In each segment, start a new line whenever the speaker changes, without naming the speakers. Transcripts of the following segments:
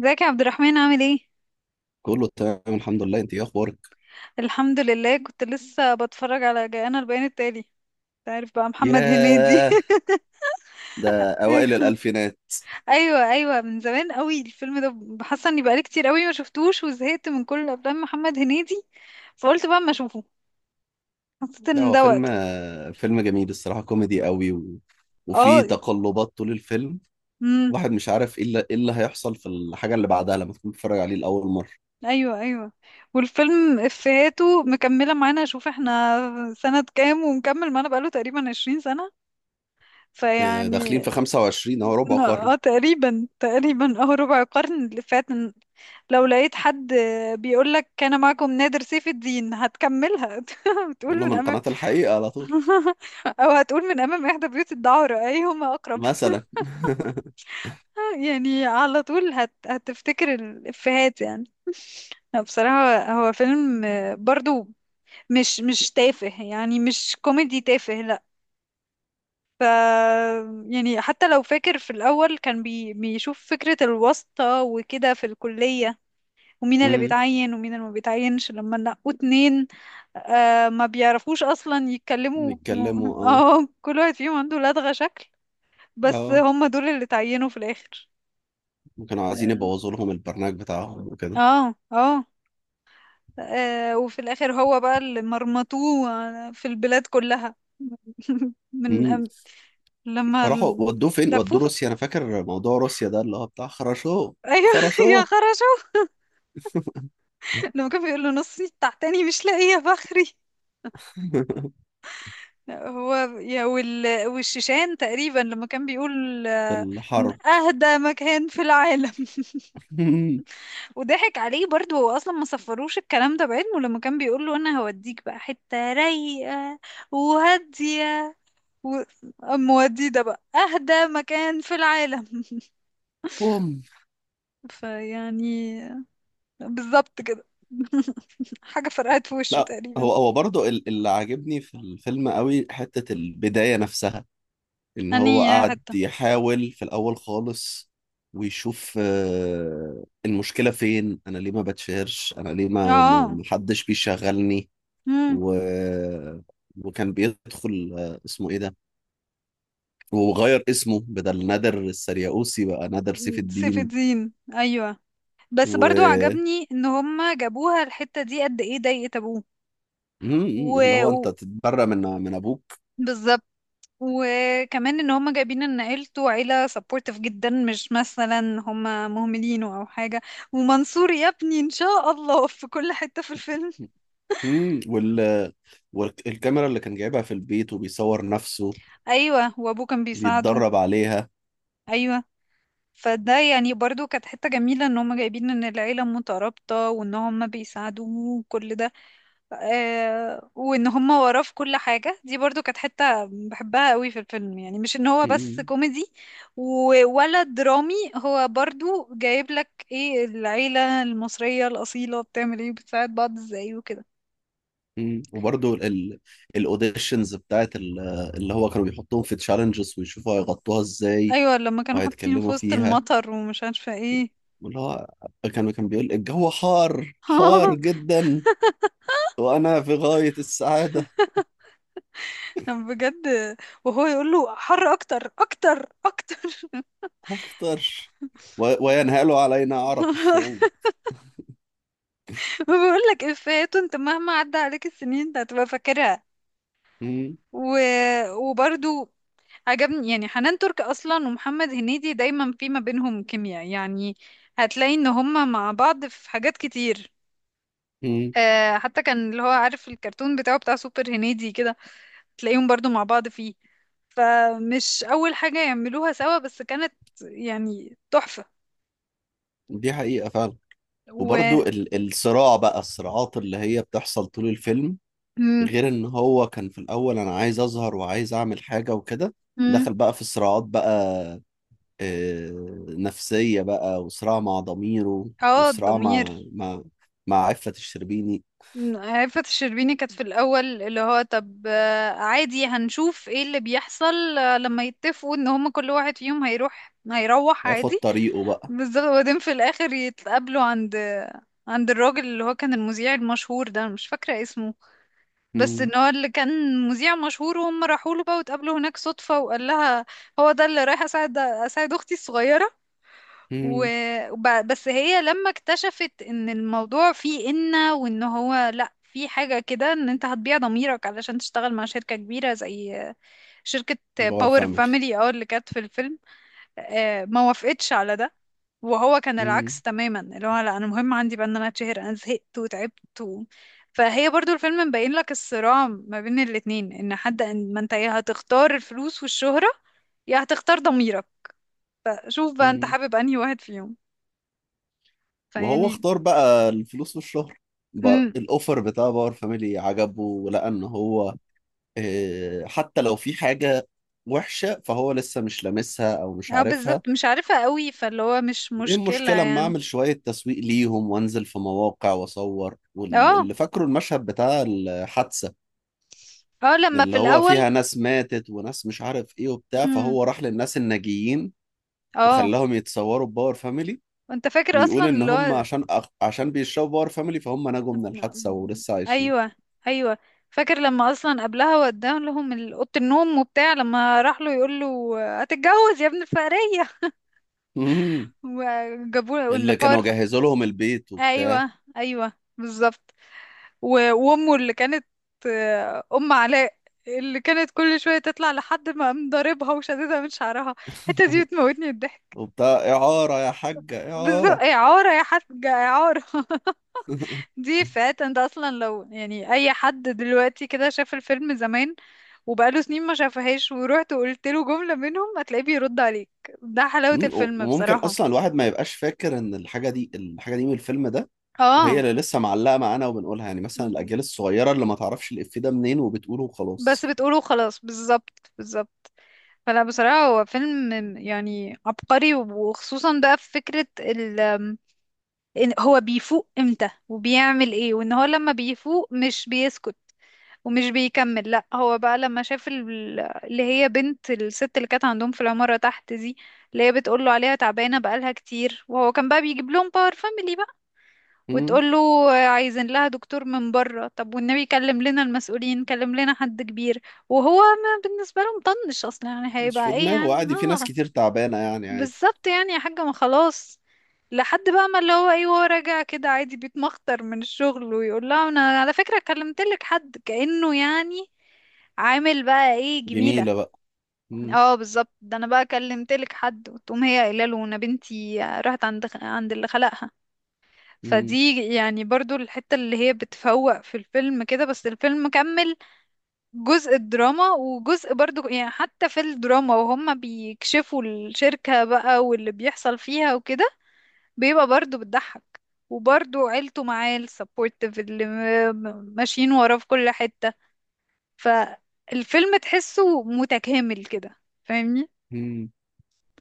ازيك يا عبد الرحمن؟ عامل ايه؟
كله تمام الحمد لله، انت ايه اخبارك؟
الحمد لله، كنت لسه بتفرج على جاءنا البيان التالي. انت عارف بقى محمد هنيدي؟
ياه. ده اوائل
ايوه
الالفينات.
ايوه، من زمان قوي الفيلم ده. حاسه اني بقالي كتير قوي ما شفتوش وزهقت من كل افلام محمد هنيدي، فقلت بقى اما اشوفه، حسيت
لا،
ان
هو
ده
فيلم
وقته.
فيلم جميل الصراحه، كوميدي قوي و... وفي
اه
تقلبات طول الفيلم.
امم
واحد مش عارف ايه اللي هيحصل في الحاجه اللي بعدها لما تكون بتتفرج عليه لاول مره.
ايوه ايوه، والفيلم افهاته مكمله معانا. شوف احنا سنه كام ومكمل معانا بقاله تقريبا 20 سنه.
آه، داخلين
فيعني
في 25 اهو، ربع قرن.
اه تقريبا اه، ربع قرن اللي فات. لو لقيت حد بيقولك كان معكم نادر سيف الدين هتكملها.
يقول
بتقول
له
من
من
أمام.
قناه الحقيقه على طول.
أو هتقول من أمام إحدى بيوت الدعارة، أيهما أقرب.
مثلا.
يعني على طول هتفتكر الإفيهات يعني. لا، بصراحة هو فيلم، برضو مش تافه. يعني مش كوميدي تافه، لا. يعني حتى لو فاكر، في الأول كان بيشوف فكرة الواسطة وكده في الكلية، ومين اللي
امم.
بيتعين ومين اللي ما بيتعينش لما نقوا اتنين. آه، ما بيعرفوش اصلا يتكلموا
يتكلموا اه.
اه، كل واحد فيهم عنده لدغة شكل. بس
اه.
هم دول اللي اتعينوا في الاخر.
كانوا عايزين
اه
يبوظوا لهم البرنامج بتاعهم وكده.
اه. وفي الاخر هو بقى اللي مرمطوه في البلاد كلها. من أم- لما
راحوا
ال-
ودوه فين؟
لفوه،
ودوه روسيا. انا فاكر موضوع روسيا ده اللي هو بتاع خرشوه.
ايوه. يا
خرشوه.
خرشو، لما كان بيقول له: نصي تحتاني مش لاقيه فخري. هو والشيشان تقريبا، لما كان بيقول
في
من
الحرب.
اهدى مكان في العالم. وضحك عليه برضه، هو اصلا ما صفروش الكلام ده بعلمه. لما كان بيقول له انا هوديك بقى حتة رايقة وهادية و... أم ودي ده بقى اهدى مكان في العالم.
بوم.
فيعني بالظبط كده. حاجة فرقعت في وشه
لا،
تقريبا.
هو برضو اللي عاجبني في الفيلم قوي حتة البداية نفسها. ان
اني
هو
يا
قعد
حتة.
يحاول في الاول خالص ويشوف المشكلة فين، انا ليه ما بتشهرش، انا ليه
اه
ما حدش بيشغلني؟
امم
و... وكان بيدخل اسمه ايه ده، وغير اسمه بدل نادر السرياوسي بقى نادر سيف
سيف
الدين.
الدين، ايوه. بس برضو
و
عجبني ان هم جابوها الحتة دي، قد ايه ضايقت ابوه.
مم،
و...
اللي هو انت
و...
تتبرى من ابوك.
بالظبط. وكمان ان هم جايبين ان عيلته عيلة سبورتيف جدا، مش مثلا هم مهملينه او حاجة. ومنصور يا ابني ان شاء الله، في كل حتة في الفيلم.
مم، والكاميرا اللي كان جايبها في البيت وبيصور نفسه
ايوه، وابوه كان بيساعده.
بيتدرب عليها.
ايوه. فده يعني برضو كانت حتة جميلة، ان هم جايبين ان العيلة مترابطة وان هم بيساعدوه وكل ده. وان هم وراه في كل حاجة، دي برضو كانت حتة بحبها قوي في الفيلم. يعني مش ان هو بس
مم.
كوميدي ولا درامي، هو برضو جايب لك ايه العيلة المصرية الأصيلة بتعمل ايه، بتساعد بعض ازاي وكده.
مم. وبرضه الاوديشنز بتاعت اللي هو كانوا بيحطوهم في تشالنجز ويشوفوا هيغطوها ازاي
ايوه، لما كانوا حاطين في
وهيتكلموا
وسط
فيها.
المطر ومش عارفة ايه.
واللي هو كان بيقول الجو حار حار جدا وانا في غاية السعادة.
أنا بجد. وهو يقول له: حر اكتر اكتر اكتر.
هختار. وينهال علينا أعرق الشعوب.
بقول لك افيهات انت مهما عدى عليك السنين انت هتبقى فاكرها.
مم.
و... وبرضو عجبني يعني حنان ترك اصلا، ومحمد هنيدي دايما في ما بينهم كيمياء يعني. هتلاقي ان هما مع بعض في حاجات كتير.
مم.
آه، حتى كان اللي هو عارف الكرتون بتاعه بتاع سوبر هنيدي كده، تلاقيهم برضو مع بعض فيه. فمش اول حاجة يعملوها سوا، بس كانت يعني تحفة.
دي حقيقة فعلا. وبرضو
و
الصراع بقى، الصراعات اللي هي بتحصل طول الفيلم،
مم.
غير ان هو كان في الاول انا عايز اظهر وعايز اعمل حاجة وكده.
مم.
دخل بقى في صراعات بقى آه، نفسية بقى، وصراع مع ضميره،
اه
وصراع
الضمير.
مع عفة الشربيني.
مم. عفة الشربيني كانت في الأول اللي هو طب، عادي هنشوف ايه اللي بيحصل، لما يتفقوا ان هما كل واحد فيهم هيروح
هياخد
عادي.
طريقه بقى.
بالظبط. وبعدين في الاخر يتقابلوا عند عند الراجل اللي هو كان المذيع المشهور ده، أنا مش فاكرة اسمه، بس
مم.
ان هو اللي كان مذيع مشهور، وهم راحوا له بقى واتقابلوا هناك صدفة، وقال لها هو ده اللي رايح اساعد اختي الصغيرة. و...
مم.
بس هي لما اكتشفت ان الموضوع فيه إنة، وان هو لا، في حاجة كده ان انت هتبيع ضميرك علشان تشتغل مع شركة كبيرة، زي شركة
باور
باور
فاميلي.
فاميلي. اه، اللي كانت في الفيلم. ما وافقتش على ده. وهو كان العكس تماما، اللي هو لا، انا مهم عندي بقى ان انا اتشهر، انا زهقت وتعبت فهي برضو الفيلم مبين لك الصراع ما بين الاتنين، ان حد، ان ما انت يا هتختار الفلوس والشهرة يا هتختار ضميرك. شوف بقى انت
مم.
حابب انهي واحد فيهم.
وهو
فيعني.
اختار بقى الفلوس والشهرة. بقى
امم
الاوفر بتاع باور فاميلي عجبه ولقى ان هو حتى لو في حاجة وحشة فهو لسه مش لامسها او مش
اه
عارفها.
بالظبط، مش عارفة قوي، فاللي هو مش
ايه
مشكلة
المشكلة؟ اما
يعني.
اعمل شوية تسويق ليهم وانزل في مواقع واصور،
اه
واللي فاكره المشهد بتاع الحادثة
اه، لما
اللي
في
هو
الاول.
فيها ناس ماتت وناس مش عارف ايه وبتاع،
امم
فهو راح للناس الناجيين
اه
وخلاهم يتصوروا بباور فاميلي،
انت فاكر
ويقول
اصلا
ان
اللي
هم
هو.
عشان عشان بيشربوا باور فاميلي فهم نجوا من الحادثة ولسه عايشين.
ايوه ايوه، فاكر لما اصلا قبلها وداه لهم اوضه النوم وبتاع. لما راح له يقول له هتتجوز يا ابن الفقريه.
مم.
وجابوا له ان
اللي
باور.
كانوا جهزوا لهم البيت وبتاع.
ايوه ايوه بالظبط. وامه اللي كانت، ام علاء، اللي كانت كل شويه تطلع لحد ما قام ضاربها وشددها من شعرها. الحته دي بتموتني الضحك.
وبتاع. إعارة يا حاجة،
بالظبط،
إعارة.
اعاره يا حاج اعاره. دي افيهات انت اصلا لو يعني اي حد دلوقتي كده شاف الفيلم زمان وبقاله سنين ما شافهاش، ورحت وقلت له جملة منهم هتلاقيه بيرد عليك. ده حلاوة
مم.
الفيلم
وممكن
بصراحة.
أصلا الواحد ما يبقاش فاكر إن الحاجة دي الحاجة دي من الفيلم ده، وهي
اه،
اللي لسه معلقة معانا وبنقولها، يعني مثلا الأجيال الصغيرة اللي ما تعرفش الإفيه ده منين وبتقوله
بس
وخلاص.
بتقوله خلاص. بالظبط بالظبط. فلا، بصراحة هو فيلم يعني عبقري، وخصوصا بقى في فكرة إن هو بيفوق امتى وبيعمل ايه، وان هو لما بيفوق مش بيسكت ومش بيكمل، لا. هو بقى لما شاف اللي هي بنت الست اللي كانت عندهم في العمارة تحت دي، اللي هي بتقول له عليها تعبانة بقالها كتير، وهو كان بقى بيجيب لهم باور فاميلي بقى.
مم.
وتقول له عايزين لها دكتور من بره، طب والنبي كلم لنا المسؤولين، كلم لنا حد كبير. وهو ما بالنسبة له مطنش اصلا، يعني
مش
هيبقى
في
ايه يعني.
دماغه عادي، في ناس
آه.
كتير تعبانة يعني عادي.
بالظبط، يعني يا حاجة ما خلاص. لحد بقى ما اللي هو ايه، وهو راجع كده عادي بيتمخطر من الشغل، ويقول لها انا على فكرة كلمتلك حد، كأنه يعني عامل بقى ايه، جميلة.
جميلة بقى. مم.
اه بالظبط، ده انا بقى كلمتلك حد، وتقوم هي قايله له انا بنتي راحت عند عند اللي خلقها.
مم.
فدي يعني برضو الحتة اللي هي بتفوق في الفيلم كده. بس الفيلم كمل جزء الدراما، وجزء برضو يعني حتى في الدراما وهم بيكشفوا الشركة بقى واللي بيحصل فيها وكده بيبقى برضه بتضحك. وبرضه عيلته معاه السبورتيف اللي ماشيين وراه في كل حتة. فالفيلم تحسه متكامل كده، فاهمني.
مم.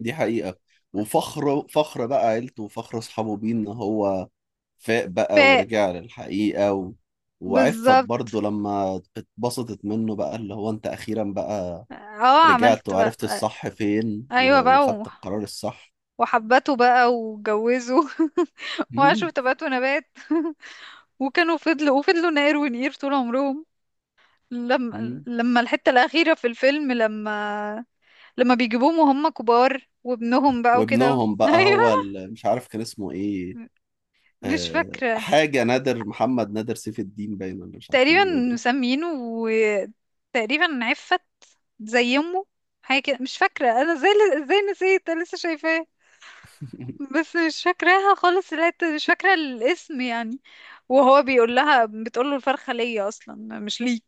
دي حقيقة. وفخر فخر بقى عيلته وفخر أصحابه بيه إن هو فاق
ف.
بقى ورجع للحقيقة و... وعفت
بالظبط،
برضه لما اتبسطت منه بقى اللي هو انت اخيرا بقى
اه
رجعت
عملت بقى.
وعرفت الصح فين و...
ايوه بقى
وخدت القرار الصح.
وحبته بقى واتجوزوا. وعاشوا
مم.
في تبات ونبات. وكانوا فضلوا وفضلوا نقر ونقير طول عمرهم.
مم.
لما الحتة الأخيرة في الفيلم، لما لما بيجيبوهم وهم كبار وابنهم بقى وكده.
وابنهم بقى
ايوه،
هو مش عارف كان اسمه ايه.
مش فاكرة،
حاجة نادر محمد، نادر سيف الدين باين ولا مش عارف كان
تقريبا
بيقول ايه.
مسمينه وتقريبا عفت زي امه، حاجة كده مش فاكرة. انا زي، ازاي نسيت، انا لسه شايفاه، بس مش فاكراها خالص الحتة، مش فاكرة الاسم يعني. وهو بيقول لها بتقول له الفرخة ليا اصلا مش ليك.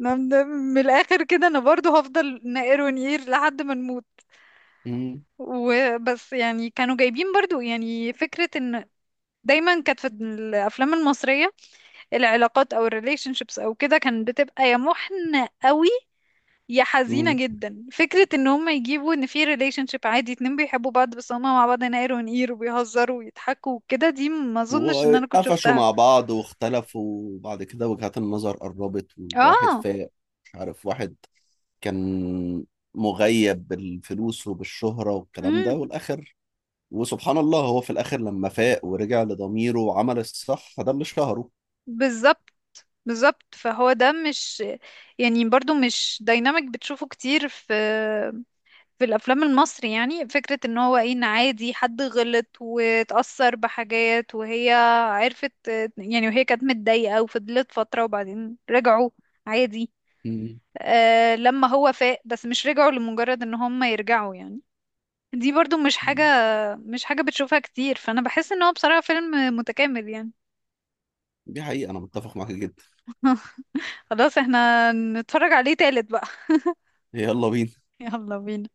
أنا، من من الاخر كده، انا برضو هفضل نقر ونقير لحد ما نموت.
مم.
وبس. يعني كانوا جايبين برضو يعني فكرة ان دايما كانت في الافلام المصرية العلاقات او الريليشن شيبس او كده كانت بتبقى يا محنة قوي يا حزينة
مم.
جدا. فكرة ان هم يجيبوا ان في ريليشن شيب عادي، اتنين بيحبوا بعض بس هما مع بعض هنا قير ونقير وبيهزروا ويضحكوا وكده، دي ما اظنش ان انا كنت
وقفشوا
شفتها.
مع بعض واختلفوا، وبعد كده وجهات النظر قربت وواحد
اه
فاق. مش عارف، واحد كان مغيب بالفلوس وبالشهرة والكلام
امم
ده والآخر. وسبحان الله هو في الآخر لما فاق ورجع لضميره وعمل الصح فده اللي شهره.
بالظبط بالظبط. فهو ده مش، يعني برضو مش دايناميك بتشوفه كتير في في الافلام المصري، يعني فكرة ان هو ايه، ان عادي حد غلط واتأثر بحاجات، وهي عرفت يعني وهي كانت متضايقة وفضلت فترة وبعدين رجعوا عادي.
مم.
آه، لما هو فاق، بس مش رجعوا لمجرد ان هم يرجعوا يعني. دي برضو مش حاجة بتشوفها كتير. فانا بحس ان هو بصراحة فيلم متكامل يعني.
دي حقيقة، أنا متفق معاك جدا.
خلاص احنا نتفرج عليه تالت بقى.
يلا بينا.
يلا بينا.